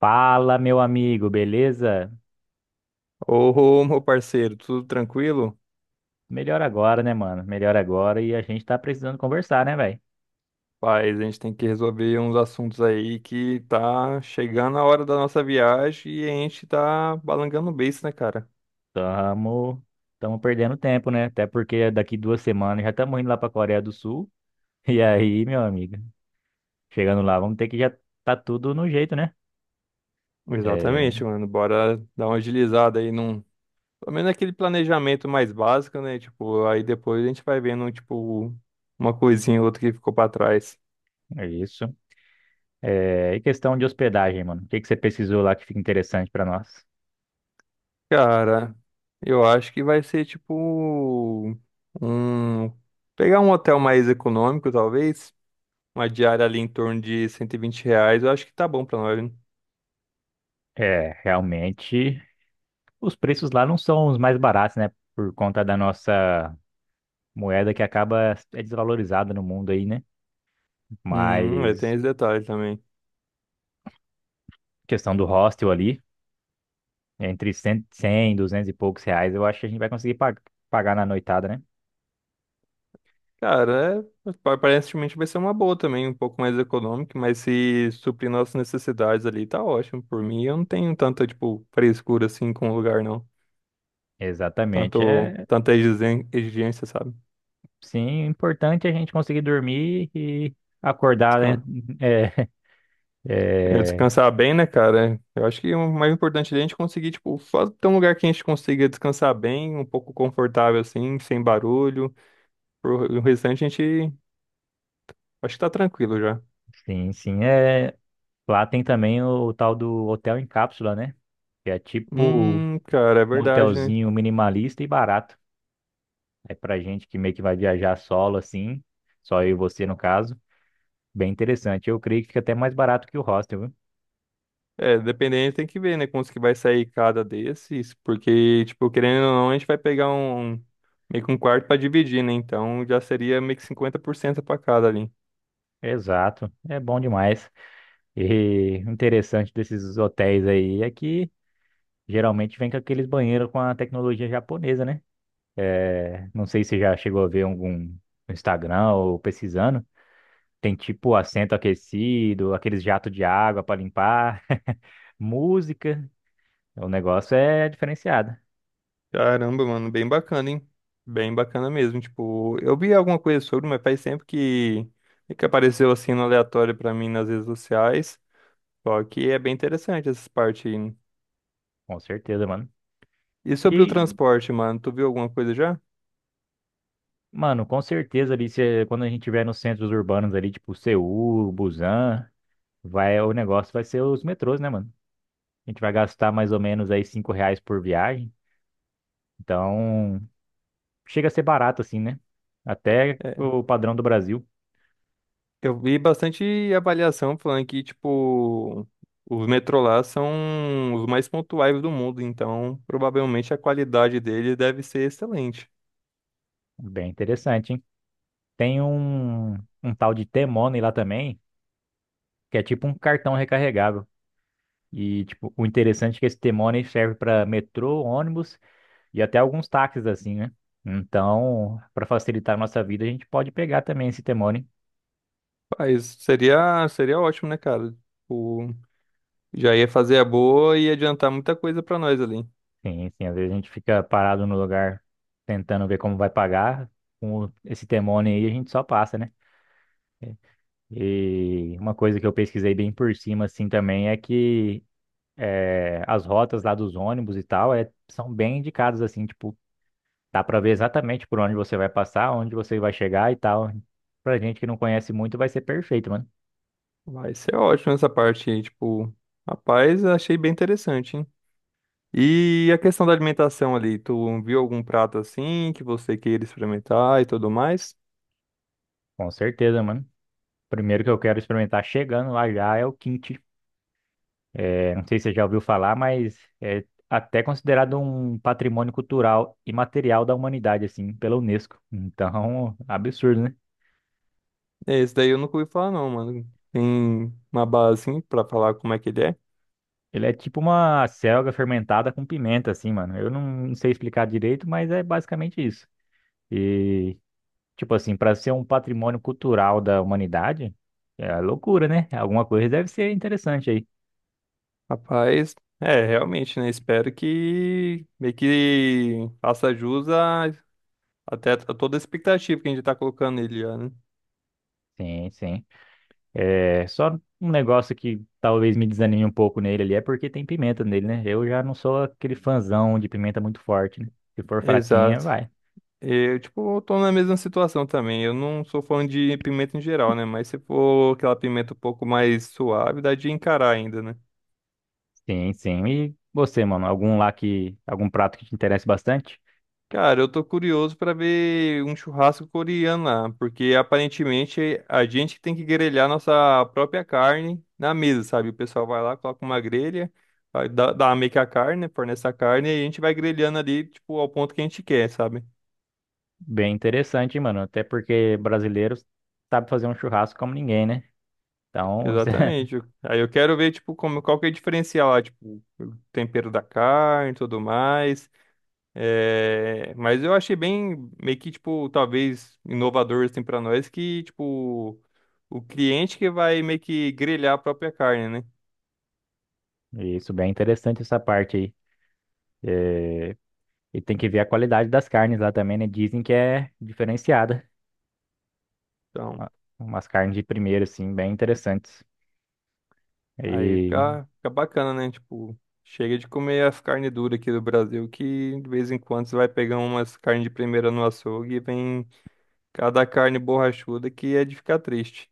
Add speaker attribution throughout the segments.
Speaker 1: Fala, meu amigo, beleza?
Speaker 2: Ô, meu parceiro, tudo tranquilo?
Speaker 1: Melhor agora, né, mano? Melhor agora e a gente tá precisando conversar, né, velho?
Speaker 2: Paz, a gente tem que resolver uns assuntos aí que tá chegando a hora da nossa viagem e a gente tá balangando o beiço, né, cara?
Speaker 1: Tamo, tamo perdendo tempo, né? Até porque daqui 2 semanas já estamos indo lá pra Coreia do Sul. E aí, meu amigo, chegando lá, vamos ter que já tá tudo no jeito, né? É,
Speaker 2: Exatamente, mano. Bora dar uma agilizada aí num. Pelo menos aquele planejamento mais básico, né? Tipo, aí depois a gente vai vendo, tipo, uma coisinha ou outra que ficou pra trás.
Speaker 1: é isso. É, e questão de hospedagem, mano. O que que você pesquisou lá que fica interessante pra nós?
Speaker 2: Cara, eu acho que vai ser, tipo, um. Pegar um hotel mais econômico, talvez. Uma diária ali em torno de R$ 120, eu acho que tá bom pra nós, né?
Speaker 1: É, realmente, os preços lá não são os mais baratos, né? Por conta da nossa moeda que acaba é desvalorizada no mundo aí, né?
Speaker 2: É, tem
Speaker 1: Mas
Speaker 2: esse detalhe também.
Speaker 1: questão do hostel ali, entre 100, 100, 200 e poucos reais, eu acho que a gente vai conseguir pagar na noitada, né?
Speaker 2: Cara, é, aparentemente vai ser uma boa também, um pouco mais econômica, mas se suprir nossas necessidades ali, tá ótimo. Por mim, eu não tenho tanta, tipo, frescura assim com o lugar, não.
Speaker 1: Exatamente. É,
Speaker 2: Tanta exigência, sabe?
Speaker 1: sim, importante a gente conseguir dormir e acordar, né?
Speaker 2: Descan- é,
Speaker 1: É, é,
Speaker 2: descansar bem, né, cara? Eu acho que o mais importante ali é a gente conseguir, tipo, ter um lugar que a gente consiga descansar bem, um pouco confortável assim, sem barulho. O restante a gente acho que tá tranquilo já.
Speaker 1: sim, sim. É, lá tem também tal do hotel em cápsula, né? Que é tipo
Speaker 2: Cara, é
Speaker 1: um
Speaker 2: verdade, né?
Speaker 1: hotelzinho minimalista e barato. É pra gente que meio que vai viajar solo assim, só eu e você no caso. Bem interessante. Eu creio que fica até mais barato que o hostel, viu?
Speaker 2: É, dependendo, tem que ver, né? Quantos que vai sair cada desses. Porque, tipo, querendo ou não, a gente vai pegar um, meio que um quarto pra dividir, né? Então já seria meio que 50% pra cada ali.
Speaker 1: Exato. É bom demais. E o interessante desses hotéis aí é que geralmente vem com aqueles banheiros com a tecnologia japonesa, né? Não sei se você já chegou a ver algum no Instagram ou pesquisando. Tem tipo assento aquecido, aqueles jatos de água para limpar, música. O negócio é diferenciado.
Speaker 2: Caramba, mano, bem bacana, hein? Bem bacana mesmo. Tipo, eu vi alguma coisa sobre, mas faz tempo que apareceu assim no aleatório pra mim nas redes sociais. Só que é bem interessante essas partes aí, né?
Speaker 1: Com certeza, mano.
Speaker 2: E sobre o
Speaker 1: E,
Speaker 2: transporte, mano, tu viu alguma coisa já?
Speaker 1: mano, com certeza ali, se, quando a gente estiver nos centros urbanos ali, tipo Seul, Busan, vai, o negócio vai ser os metrôs, né, mano? A gente vai gastar mais ou menos aí 5 reais por viagem. Então, chega a ser barato assim, né? Até
Speaker 2: É,
Speaker 1: o padrão do Brasil.
Speaker 2: eu vi bastante avaliação falando que, tipo, os metrô lá são os mais pontuais do mundo, então provavelmente a qualidade dele deve ser excelente.
Speaker 1: Bem interessante, hein? Tem um, um tal de T-Money lá também, que é tipo um cartão recarregável. E, tipo, o interessante é que esse T-Money serve para metrô, ônibus e até alguns táxis, assim, né? Então, para facilitar a nossa vida, a gente pode pegar também esse t.
Speaker 2: Mas seria ótimo, né, cara? Tipo, já ia fazer a boa e ia adiantar muita coisa pra nós ali.
Speaker 1: Sim, sim. Às vezes a gente fica parado no lugar tentando ver como vai pagar. Com esse demônio aí, a gente só passa, né? E uma coisa que eu pesquisei bem por cima, assim, também é que as rotas lá dos ônibus e tal é, são bem indicadas, assim, tipo, dá pra ver exatamente por onde você vai passar, onde você vai chegar e tal. Pra gente que não conhece muito, vai ser perfeito, mano.
Speaker 2: Vai ser ótimo essa parte aí, tipo, rapaz, achei bem interessante, hein? E a questão da alimentação ali, tu viu algum prato assim que você queira experimentar e tudo mais?
Speaker 1: Com certeza, mano. Primeiro que eu quero experimentar chegando lá já é o quinto. Eu não sei se você já ouviu falar, mas é até considerado um patrimônio cultural imaterial da humanidade, assim, pela Unesco. Então, absurdo, né?
Speaker 2: É, esse daí eu nunca ouvi falar não, mano. Tem uma base assim pra falar como é que ele é.
Speaker 1: Ele é tipo uma selga fermentada com pimenta, assim, mano. Eu não sei explicar direito, mas é basicamente isso. E, tipo assim, para ser um patrimônio cultural da humanidade, é loucura, né? Alguma coisa deve ser interessante aí.
Speaker 2: Rapaz, é, realmente, né? Espero que meio que faça até a toda a expectativa que a gente tá colocando nele, já, né?
Speaker 1: Sim, sim. É, só um negócio que talvez me desanime um pouco nele ali é porque tem pimenta nele, né? Eu já não sou aquele fãzão de pimenta muito forte, né? Se for fraquinha,
Speaker 2: Exato.
Speaker 1: vai.
Speaker 2: Eu, tipo, tô na mesma situação também. Eu não sou fã de pimenta em geral, né? Mas se for aquela pimenta um pouco mais suave, dá de encarar ainda, né?
Speaker 1: Sim, sim. E você, mano, algum lá que, algum prato que te interessa bastante?
Speaker 2: Cara, eu tô curioso pra ver um churrasco coreano lá, porque aparentemente a gente que tem que grelhar nossa própria carne na mesa, sabe? O pessoal vai lá, coloca uma grelha, vai dar meio que a carne, né? Fornece a carne e a gente vai grelhando ali, tipo, ao ponto que a gente quer, sabe?
Speaker 1: Bem interessante, hein, mano. Até porque brasileiros sabe fazer um churrasco como ninguém, né? Então,
Speaker 2: Exatamente. Aí eu quero ver, tipo, como, qual que é o diferencial lá, tipo, o tempero da carne e tudo mais. É, mas eu achei bem, meio que, tipo, talvez inovador, assim, pra nós, que, tipo, o cliente que vai meio que grelhar a própria carne, né?
Speaker 1: isso, bem interessante essa parte aí. É, e tem que ver a qualidade das carnes lá também, né? Dizem que é diferenciada.
Speaker 2: Então,
Speaker 1: Uma- Umas carnes de primeiro, assim, bem interessantes.
Speaker 2: aí
Speaker 1: E
Speaker 2: fica bacana, né? Tipo, chega de comer as carnes duras aqui do Brasil, que de vez em quando você vai pegar umas carnes de primeira no açougue e vem cada carne borrachuda que é de ficar triste.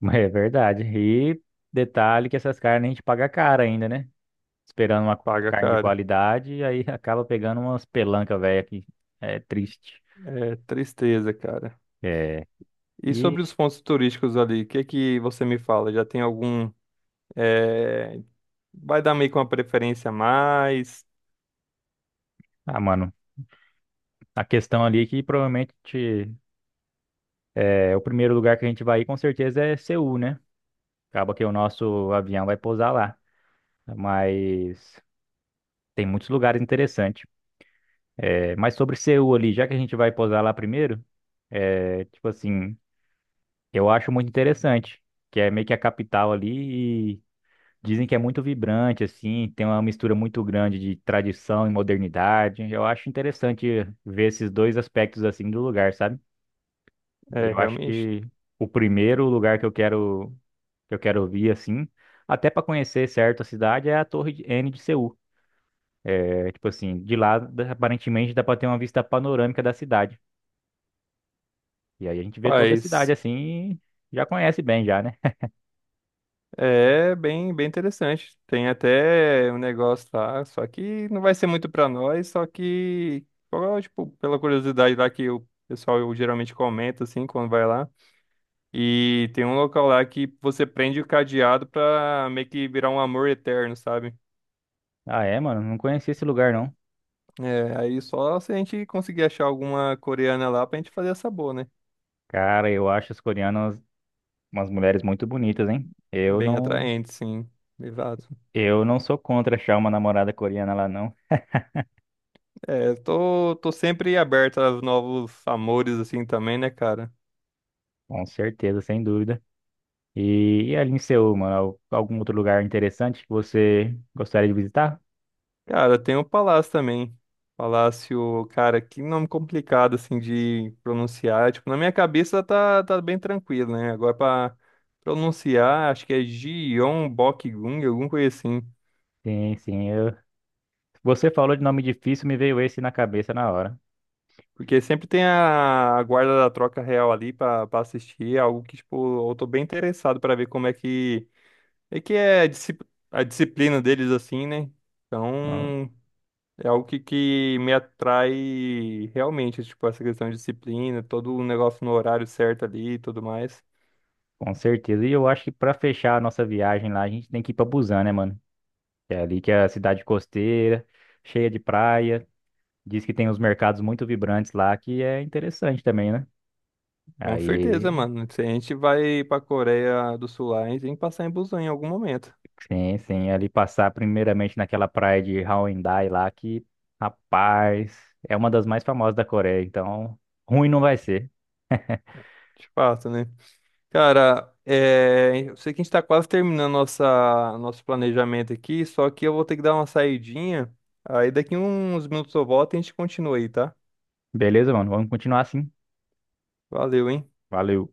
Speaker 1: é verdade. E detalhe que essas carnes a gente paga caro ainda, né? Esperando uma
Speaker 2: Paga,
Speaker 1: carne de
Speaker 2: cara.
Speaker 1: qualidade, e aí acaba pegando umas pelancas velha que é triste.
Speaker 2: É tristeza, cara.
Speaker 1: É.
Speaker 2: E
Speaker 1: E,
Speaker 2: sobre os pontos turísticos ali, o que que você me fala? Já tem algum... é, vai dar meio que uma preferência a mais.
Speaker 1: ah, mano, a questão ali é que provavelmente o primeiro lugar que a gente vai ir com certeza é Seul, né? Acaba que o nosso avião vai pousar lá. Mas tem muitos lugares interessantes. É, mas sobre Seul ali, já que a gente vai pousar lá primeiro, é, tipo assim. Eu acho muito interessante, que é meio que a capital ali e dizem que é muito vibrante, assim, tem uma mistura muito grande de tradição e modernidade. Eu acho interessante ver esses dois aspectos assim do lugar, sabe? E
Speaker 2: É,
Speaker 1: eu acho
Speaker 2: realmente.
Speaker 1: que o primeiro lugar que eu quero vir assim, até para conhecer certo a cidade é a N de Seul. É tipo assim, aparentemente dá para ter uma vista panorâmica da cidade. E aí a gente vê toda a cidade
Speaker 2: Faz.
Speaker 1: assim, e já conhece bem já, né?
Speaker 2: É bem, bem interessante. Tem até um negócio lá, só que não vai ser muito pra nós, só que, ó, tipo, pela curiosidade lá que o pessoal geralmente comenta, assim, quando vai lá. E tem um local lá que você prende o cadeado pra meio que virar um amor eterno, sabe?
Speaker 1: Ah, é, mano, não conhecia esse lugar não.
Speaker 2: É, aí só se a gente conseguir achar alguma coreana lá pra gente fazer essa boa, né?
Speaker 1: Cara, eu acho as coreanas umas mulheres muito bonitas, hein?
Speaker 2: Bem atraente, sim. Exato.
Speaker 1: Eu não sou contra achar uma namorada coreana lá, não.
Speaker 2: É, eu tô sempre aberto a novos amores, assim, também, né, cara?
Speaker 1: Com certeza, sem dúvida. E ali em Seul, mano, algum outro lugar interessante que você gostaria de visitar?
Speaker 2: Cara, tem o Palácio também. Palácio, cara, que nome complicado, assim, de pronunciar. Tipo, na minha cabeça tá bem tranquilo, né? Agora pra pronunciar, acho que é Gyeongbokgung, alguma coisa assim.
Speaker 1: Sim, sim. Eu... Você falou de nome difícil, me veio esse na cabeça na hora.
Speaker 2: Porque sempre tem a guarda da troca real ali pra assistir. É algo que, tipo, eu tô bem interessado pra ver como é que é, que é a a disciplina deles, assim, né?
Speaker 1: Então,
Speaker 2: Então. É algo que me atrai realmente, tipo, essa questão de disciplina, todo o negócio no horário certo ali e tudo mais.
Speaker 1: com certeza. E eu acho que pra fechar a nossa viagem lá, a gente tem que ir pra Busan, né, mano? Que é ali que é a cidade costeira, cheia de praia. Diz que tem uns mercados muito vibrantes lá que é interessante também, né?
Speaker 2: Com
Speaker 1: Aí,
Speaker 2: certeza, mano. Se a gente vai pra Coreia do Sul lá, a gente tem que passar em Busan em algum momento.
Speaker 1: sim, sim, ali passar primeiramente naquela praia de Haeundae lá que, rapaz, é uma das mais famosas da Coreia, então ruim não vai ser.
Speaker 2: De fato, né? Cara, é... eu sei que a gente tá quase terminando nossa... nosso planejamento aqui, só que eu vou ter que dar uma saidinha. Aí daqui uns minutos eu volto e a gente continua aí, tá?
Speaker 1: Beleza, mano? Vamos continuar assim.
Speaker 2: Valeu, hein?
Speaker 1: Valeu.